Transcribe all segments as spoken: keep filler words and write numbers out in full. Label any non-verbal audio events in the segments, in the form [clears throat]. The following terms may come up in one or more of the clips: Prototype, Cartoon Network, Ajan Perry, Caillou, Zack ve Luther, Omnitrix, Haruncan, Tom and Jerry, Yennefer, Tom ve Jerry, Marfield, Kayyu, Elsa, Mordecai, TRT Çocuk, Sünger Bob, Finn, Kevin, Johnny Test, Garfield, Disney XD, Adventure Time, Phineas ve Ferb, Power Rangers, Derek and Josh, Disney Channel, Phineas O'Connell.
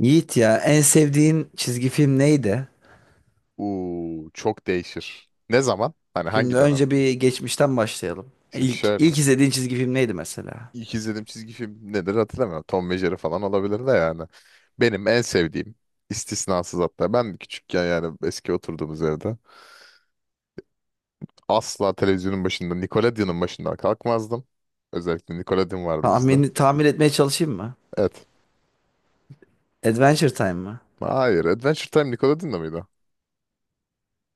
Yiğit ya en sevdiğin çizgi film neydi? Uuu çok değişir. Ne zaman? Hani Şimdi hangi önce dönemde? bir geçmişten başlayalım. Şimdi İlk şöyle. ilk izlediğin çizgi film neydi mesela? İlk izlediğim çizgi film nedir hatırlamıyorum. Tom ve Jerry falan olabilir de yani. Benim en sevdiğim istisnasız, hatta ben küçükken yani eski oturduğumuz evde asla televizyonun başında Nickelodeon'un başından kalkmazdım. Özellikle Nickelodeon vardı Tahmin bizde. tahmin etmeye çalışayım mı? Evet. Adventure Time mı? Hayır, Adventure Time Nickelodeon'da mıydı?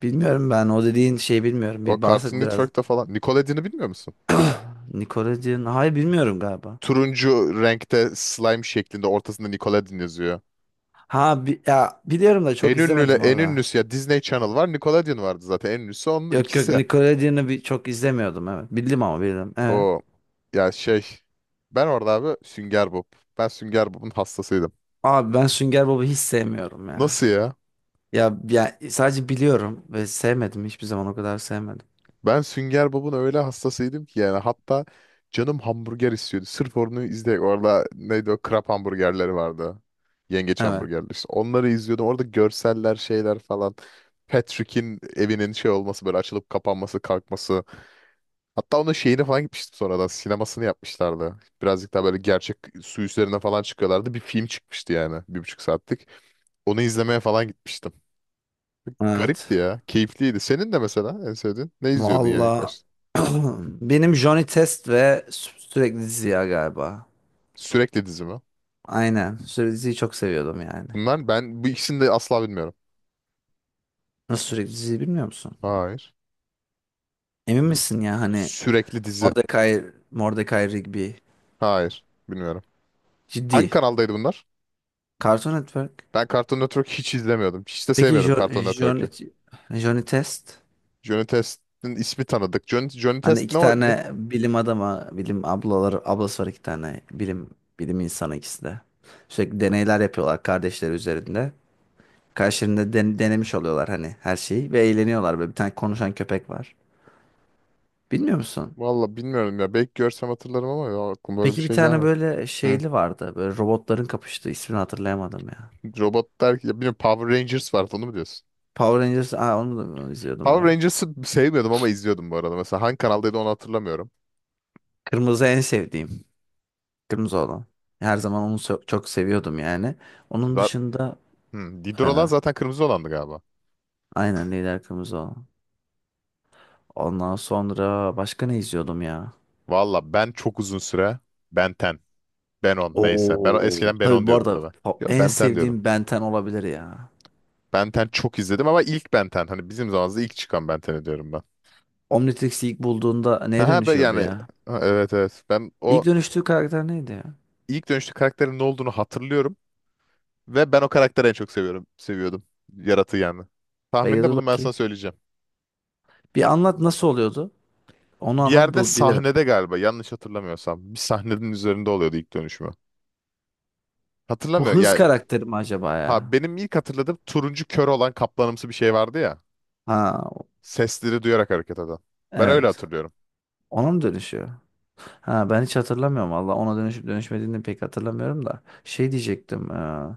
Bilmiyorum, ben o dediğin şeyi bilmiyorum. O Bir Cartoon bahset biraz. Network'ta falan. Nickelodeon'u bilmiyor musun? Nickelodeon. Hayır, bilmiyorum galiba. Turuncu renkte slime şeklinde, ortasında Nickelodeon yazıyor. Ha, bi- ya biliyorum da çok En ünlü izlemedim en orada. ünlüsü ya, Disney Channel var, Nickelodeon vardı zaten. En ünlüsü onun Yok, yok, ikisi. Nickelodeon'u bir çok izlemiyordum, evet. Bildim ama bildim. Evet. O, ya şey, ben orada abi Sünger Bob. Ben Sünger Bob'un hastasıydım. Abi, ben Sünger Bob'u hiç sevmiyorum ya. Nasıl ya? Ya, ya sadece biliyorum ve sevmedim, hiçbir zaman o kadar sevmedim. Ben Sünger Bob'un öyle hastasıydım ki, yani hatta canım hamburger istiyordu. Sırf onu izle, orada neydi o krap hamburgerleri vardı. Yengeç Evet. hamburgerleri işte. Onları izliyordum. Orada görseller, şeyler falan. Patrick'in evinin şey olması, böyle açılıp kapanması, kalkması. Hatta onun şeyini falan gitmiştim sonradan. Sinemasını yapmışlardı. Birazcık daha böyle gerçek, su üzerine falan çıkıyorlardı. Bir film çıkmıştı yani. Bir buçuk saatlik. Onu izlemeye falan gitmiştim. Evet. Garipti ya. Keyifliydi. Senin de mesela en sevdiğin. Ne izliyordun yani ilk Valla, başta? [clears throat] benim Johnny Test ve sü- sürekli Ziya galiba. Sürekli dizi mi? Aynen. Sürekli diziyi çok seviyordum yani. Bunlar, ben bu ikisini de asla bilmiyorum. Nasıl, sürekli diziyi bilmiyor musun? Hayır. Emin misin ya, hani Sürekli dizi. Mordecai, Mordecai Rigby. Hayır. Bilmiyorum. Hangi Ciddi. kanaldaydı bunlar? Cartoon Network. Ben Cartoon Network hiç izlemiyordum. Hiç de Peki sevmiyordum Jo- Cartoon Johnny, Network'ü. Johnny Test? Johnny Test'in ismi tanıdık. Johnny, Johnny Hani Test ne, iki o- ne? tane bilim adama, bilim ablaları, ablası var, iki tane bilim bilim insanı ikisi de. Sürekli deneyler yapıyorlar kardeşleri üzerinde. Karşılarında den- denemiş oluyorlar hani her şeyi ve eğleniyorlar, böyle bir tane konuşan köpek var. Bilmiyor musun? Valla bilmiyorum ya. Belki görsem hatırlarım ama ya, aklıma öyle bir Peki bir şey tane gelmedi. böyle Hı. şeyli vardı. Böyle robotların kapıştığı, ismini hatırlayamadım ya. Robot der ki, ya bilmiyorum, Power Rangers vardı, onu mu diyorsun? Power Rangers, aa, onu da onu izliyordum bu Power arada. Rangers'ı sevmiyordum ama izliyordum bu arada. Mesela hangi kanaldaydı onu hatırlamıyorum. Kırmızı en sevdiğim. Kırmızı olan. Her zaman onu so- çok seviyordum yani. Onun Za- dışında Hı, e, Didrola zaten kırmızı olandı galiba. aynen lider kırmızı olan. Ondan sonra başka ne izliyordum ya? Valla ben çok uzun süre Ben on, Ben on neyse. Ben Oo, eskiden Ben tabii on bu diyordum arada tabii. o Yo, en Ben on diyordum. sevdiğim Benten olabilir ya. Ben on çok izledim ama ilk Ben on, hani bizim zamanımızda ilk çıkan Ben onu diyorum ben. Omnitrix'i ilk bulduğunda neye Ha ben dönüşüyordu yani ya? ha, evet evet, ben o İlk dönüştüğü karakter neydi ya? ilk dönüşte karakterin ne olduğunu hatırlıyorum. Ve ben o karakteri en çok seviyorum. Seviyordum. Yaratığı yani. Tahminde Beyazı bulun, ben bakayım. sana söyleyeceğim. Bir anlat, nasıl oluyordu? Onu Bir anlat, yerde bul bilirim. sahnede, galiba yanlış hatırlamıyorsam, bir sahnenin üzerinde oluyordu ilk dönüşümü. Bu Hatırlamıyor hız yani. karakteri mi acaba Ha, ya? benim ilk hatırladığım turuncu kör olan kaplanımsı bir şey vardı ya. Ha, Sesleri duyarak hareket eden. Ben öyle evet. hatırlıyorum. Ona mı dönüşüyor? Ha, ben hiç hatırlamıyorum valla. Ona dönüşüp dönüşmediğini pek hatırlamıyorum da. Şey diyecektim. e,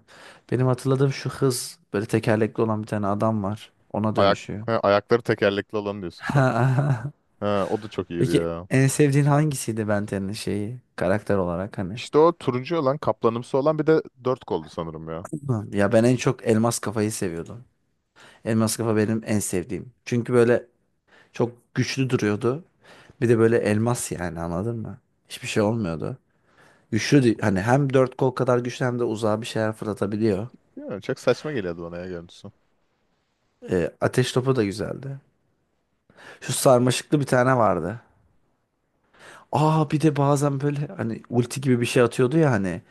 Benim hatırladığım şu hız, böyle tekerlekli olan bir tane adam var. Ona Ayak dönüşüyor. ha, ayakları tekerlekli olan diyorsun sen. [laughs] Ha, o da çok iyiydi Peki ya. en sevdiğin hangisiydi Benten'in şeyi, karakter olarak hani? İşte o turuncu olan kaplanımsı olan, bir de dört koldu sanırım ya. Hı, ya ben en çok elmas kafayı seviyordum. Elmas kafa benim en sevdiğim. Çünkü böyle çok güçlü duruyordu. Bir de böyle elmas, yani anladın mı? Hiçbir şey olmuyordu. Güçlü değil, hani hem dört kol kadar güçlü hem de uzağa bir şeyler fırlatabiliyor. Bilmiyorum, çok saçma geliyordu bana ya görüntüsü. E, ateş topu da güzeldi. Şu sarmaşıklı bir tane vardı. Aa, bir de bazen böyle hani ulti gibi bir şey atıyordu ya, hani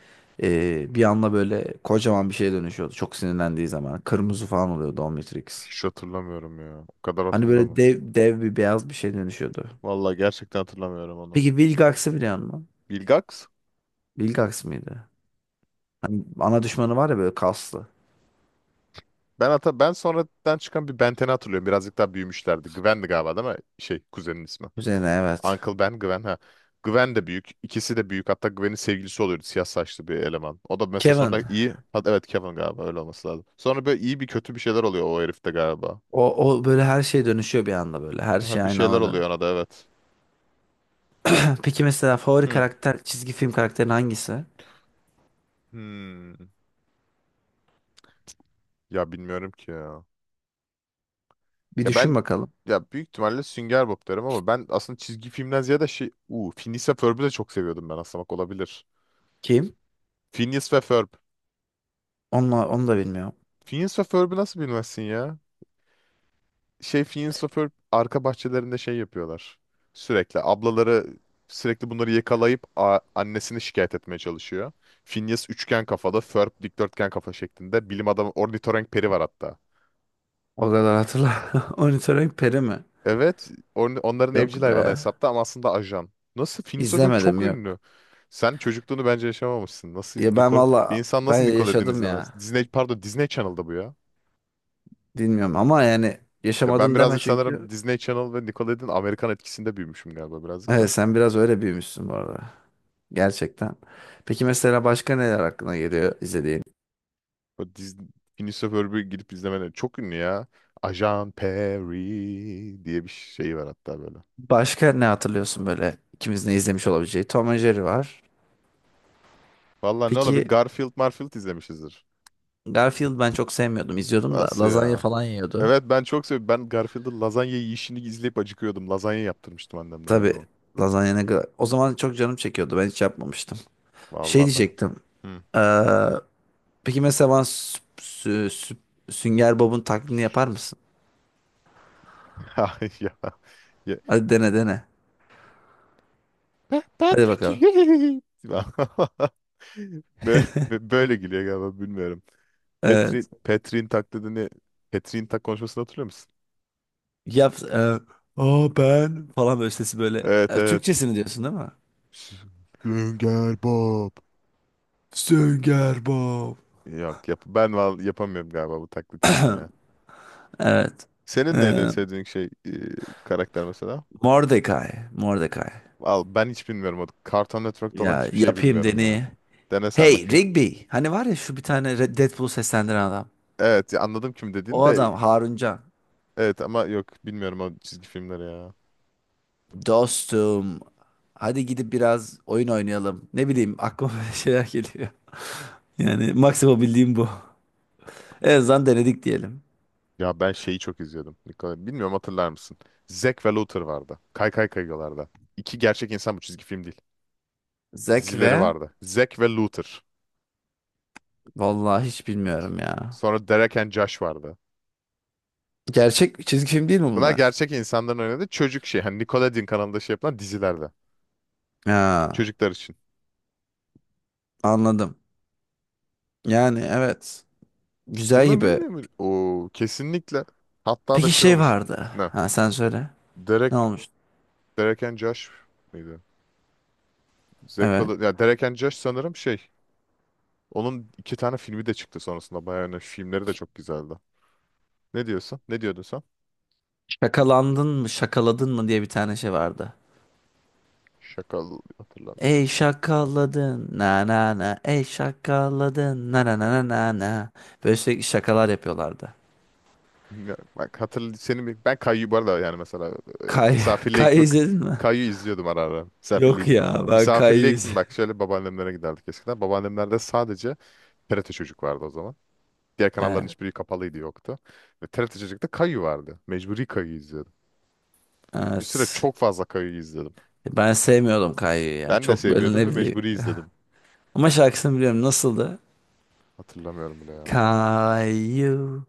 e, bir anda böyle kocaman bir şeye dönüşüyordu. Çok sinirlendiği zaman. Kırmızı falan oluyordu Omnitrix. Hiç hatırlamıyorum ya. O kadar Hani böyle hatırlamıyorum. dev, dev bir beyaz bir şey dönüşüyordu. Vallahi gerçekten hatırlamıyorum onu. Peki Vilgax'ı biliyor musun? Bilgax. Vilgax mıydı? Hani ana düşmanı var ya, böyle kaslı. Ben hata ben sonradan çıkan bir Benten'i hatırlıyorum. Birazcık daha büyümüşlerdi. Gwen'di galiba değil mi? Şey, kuzenin ismi. Üzerine, evet. Uncle Ben, Gwen ha. Gwen de büyük. İkisi de büyük. Hatta Gwen'in sevgilisi oluyordu. Siyah saçlı bir eleman. O da mesela Kevin. sonra iyi. Ha, evet, Kevin, galiba öyle olması lazım. Sonra böyle iyi bir kötü bir şeyler oluyor o herifte galiba. O, o böyle her şey dönüşüyor bir anda böyle. Her şey Ha, bir aynı şeyler ana dönüyor. oluyor ona da, evet. [clears throat] Peki mesela favori Hı. karakter, çizgi film karakterin hangisi? Hmm. Ya bilmiyorum ki ya. Bir Ya ben düşün bakalım. ya büyük ihtimalle Sünger Bob derim ama ben aslında çizgi filmden ziyade şey, u Phineas ve Ferb'ü de çok seviyordum ben aslında, bak, olabilir. Kim? Phineas ve Ferb. Onu, onu da bilmiyorum. Phineas ve Ferb'ü nasıl bilmezsin ya? Şey, Phineas ve Ferb arka bahçelerinde şey yapıyorlar. Sürekli ablaları sürekli bunları yakalayıp a- annesini şikayet etmeye çalışıyor. Phineas üçgen kafalı, Ferb dikdörtgen kafa şeklinde. Bilim adamı ornitorenk peri var hatta. O kadar hatırla. [laughs] Monitoring peri mi? Evet, on- onların Yok evcil be. hayvanı hesapta ama aslında ajan. Nasıl? Phineas O'Connell çok İzlemedim, ünlü. yok. Sen çocukluğunu bence yaşamamışsın. Nasıl Ya ben Nicole, bir valla, insan ben nasıl Nickelodeon yaşadım izlemez? ya. Disney, pardon, Disney Channel'da bu ya. Bilmiyorum ama yani Ya ben yaşamadın deme, birazcık çünkü. sanırım Disney Channel ve Nickelodeon Amerikan etkisinde büyümüşüm galiba, birazcık da. Evet, sen biraz öyle büyümüşsün bu arada. Gerçekten. Peki mesela başka neler aklına geliyor izlediğin? O Disney, Phineas O'Connell'ı gidip izlemene, çok ünlü ya. Ajan Perry diye bir şey var hatta böyle. Başka ne hatırlıyorsun böyle, ikimiz ne izlemiş olabileceği? Tom and Jerry var. Vallahi ne olabilir? Peki Garfield, Marfield izlemişizdir. Garfield ben çok sevmiyordum, izliyordum da Nasıl lazanya ya? falan yiyordu. Evet ben çok seviyorum. Ben Garfield'ın lazanya yiyişini izleyip acıkıyordum. Lazanya yaptırmıştım annemlere o Tabii, zaman. lazanya ne kadar... O zaman çok canım çekiyordu. Ben hiç yapmamıştım. Şey Vallahi ben, diyecektim. hı. Ee, peki mesela bana sü- sü- sü- Sünger Bob'un taklidini yapar mısın? [laughs] Ay ya. ya. Hadi dene, dene. Pa- Hadi Patrick. bakalım. [laughs] Böyle, böyle gülüyor galiba, bilmiyorum. Evet. Petrin, Petrin taklidini, Petrin tak konuşmasını hatırlıyor musun? Yap. E, o falan böyle, sesi böyle. Evet E, evet. Türkçesini diyorsun değil mi? Sünger Bob. Stop. Yok yap, ben val- yapamıyorum galiba bu taklit işini ya. Evet. Senin neydi en E, sevdiğin şey, e, karakter mesela? Mordecai. Mordecai. Al, ben hiç bilmiyorum, o Cartoon Network'ta olan Ya hiçbir şey yapayım bilmiyorum ya. deneyi. Dene sen Hey bakayım. Rigby. Hani var ya şu bir tane, Red- Deadpool'u seslendiren adam. Evet ya, anladım kim dediğin O de, adam Haruncan. evet, ama yok, bilmiyorum o çizgi filmleri ya. Dostum. Hadi gidip biraz oyun oynayalım. Ne bileyim, aklıma [laughs] böyle şeyler geliyor. Yani maksimum bildiğim bu. En azından denedik diyelim. Ya ben şeyi çok izliyordum. Nikola- Bilmiyorum, hatırlar mısın? Zack ve Luther vardı. Kay Kay Kaygılar'da. İki gerçek insan, bu çizgi film değil. Zack Dizileri ve vardı. Zack ve Luther. Vallahi hiç bilmiyorum ya. Sonra Derek and Josh vardı. Gerçek çizgi film değil mi Bunlar bunlar? gerçek insanların oynadığı çocuk şey. Hani Nickelodeon kanalında şey yapılan dizilerde. Ha, Çocuklar için. anladım. Yani evet. Güzel Bunu gibi. bilmiyor mu? Oo, kesinlikle. Hatta da Peki şey şey olmuş. vardı. Ne? Ha, sen söyle. Ne Derek olmuş? Derek and Josh mıydı? Zack Evet. Val- ya Derek and Josh sanırım şey. Onun iki tane filmi de çıktı sonrasında. Bayağı önemli. Filmleri de çok güzeldi. Ne diyorsun? Ne diyordun sen? Şakalandın mı, şakaladın mı diye bir tane şey vardı. Şakal hatırlamıyorum. Ey şakaladın na na na, ey şakaladın na na na na na na. Böyle sürekli şakalar yapıyorlardı. Ya, bak hatırl seni bir- ben Kayyu bu arada, yani mesela e, Kay, [laughs] misafirliğe Kay gitmek, izledin mi? Kayyu izliyordum ara ara. Misafirliğe Yok git. ya, ben Misafirliğe Kay'ı iz- gittim, [laughs] bak, şöyle babaannemlere giderdik eskiden. Babaannemlerde sadece T R T Çocuk vardı o zaman. Diğer kanalların Evet, hiçbiri kapalıydı, yoktu. Ve T R T Çocuk'ta Kayyu vardı. Mecburi Kayyu izliyordum. Bir süre evet. çok fazla Kayyu izledim. Ben sevmiyordum Kay'ı ya. Ben de Çok böyle, sevmiyordum ne ve bileyim. mecburi [laughs] izledim. Ama şarkısını biliyorum. Nasıldı? Hatırlamıyorum bile ya. Kayu.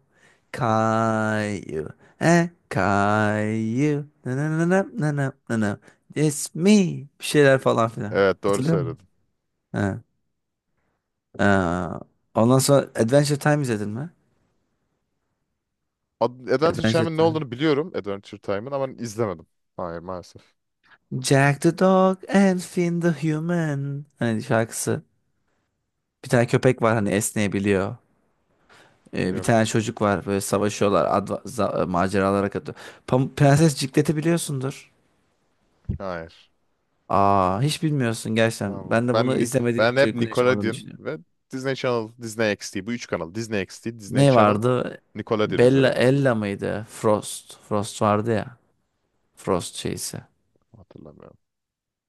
Caillou. Eh, Caillou. Na na na na na na na na. It's me. Bir şeyler falan filan. Evet, doğru Hatırlıyor musun? söyledin. Ha. Ha. Ondan sonra Adventure Time izledin mi? Ad- Adventure Adventure Time'ın ne Time. olduğunu biliyorum. Adventure Time'ın, ama izlemedim. Hayır, maalesef. Jack the Dog and Finn the Human. Hani şarkısı. Bir tane köpek var hani, esneyebiliyor. Ee, bir Yok. tane çocuk var, böyle savaşıyorlar. Adva- za- e, maceralara katılıyor. Pam- Prenses Ciklet'i biliyorsundur. Hayır. Aa, hiç bilmiyorsun gerçekten. Allah. Ben de Ben bunu ni- izlemediğim ben hep çocukluğunu yaşamadığını Nickelodeon düşünüyorum. ve Disney Channel, Disney X D, bu üç kanal. Disney X D, Disney Ne Channel, vardı? Nickelodeon Bella izledim. Ella mıydı? Frost. Frost vardı ya. Frost şeysi. Hatırlamıyorum.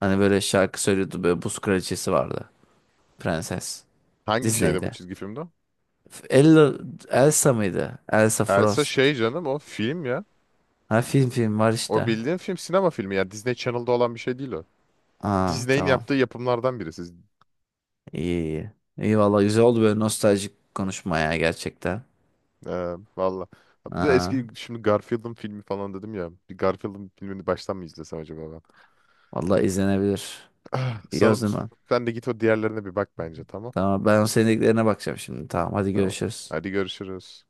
Hani böyle şarkı söylüyordu, böyle buz kraliçesi vardı. Prenses. Hangi şeyde bu, Disney'de. çizgi filmde? Ella Elsa mıydı? Elsa Elsa, Frost. şey canım, o film ya. Ha, film, film var O işte. bildiğin film, sinema filmi ya. Disney Channel'da olan bir şey değil o. Aa, Disney'in tamam. yaptığı yapımlardan birisi. İyi, iyi. İyi valla, güzel oldu böyle nostaljik konuşma ya, gerçekten. Ee, valla. Hatta eski, Aa, şimdi Garfield'ın filmi falan dedim ya. Bir Garfield'ın filmini baştan mı izlesem acaba ben? valla izlenebilir. İyi o Sana, zaman. sen de git o diğerlerine bir bak bence, tamam. Tamam, ben o sevdiklerine bakacağım şimdi. Tamam, hadi Tamam. görüşürüz. Hadi görüşürüz.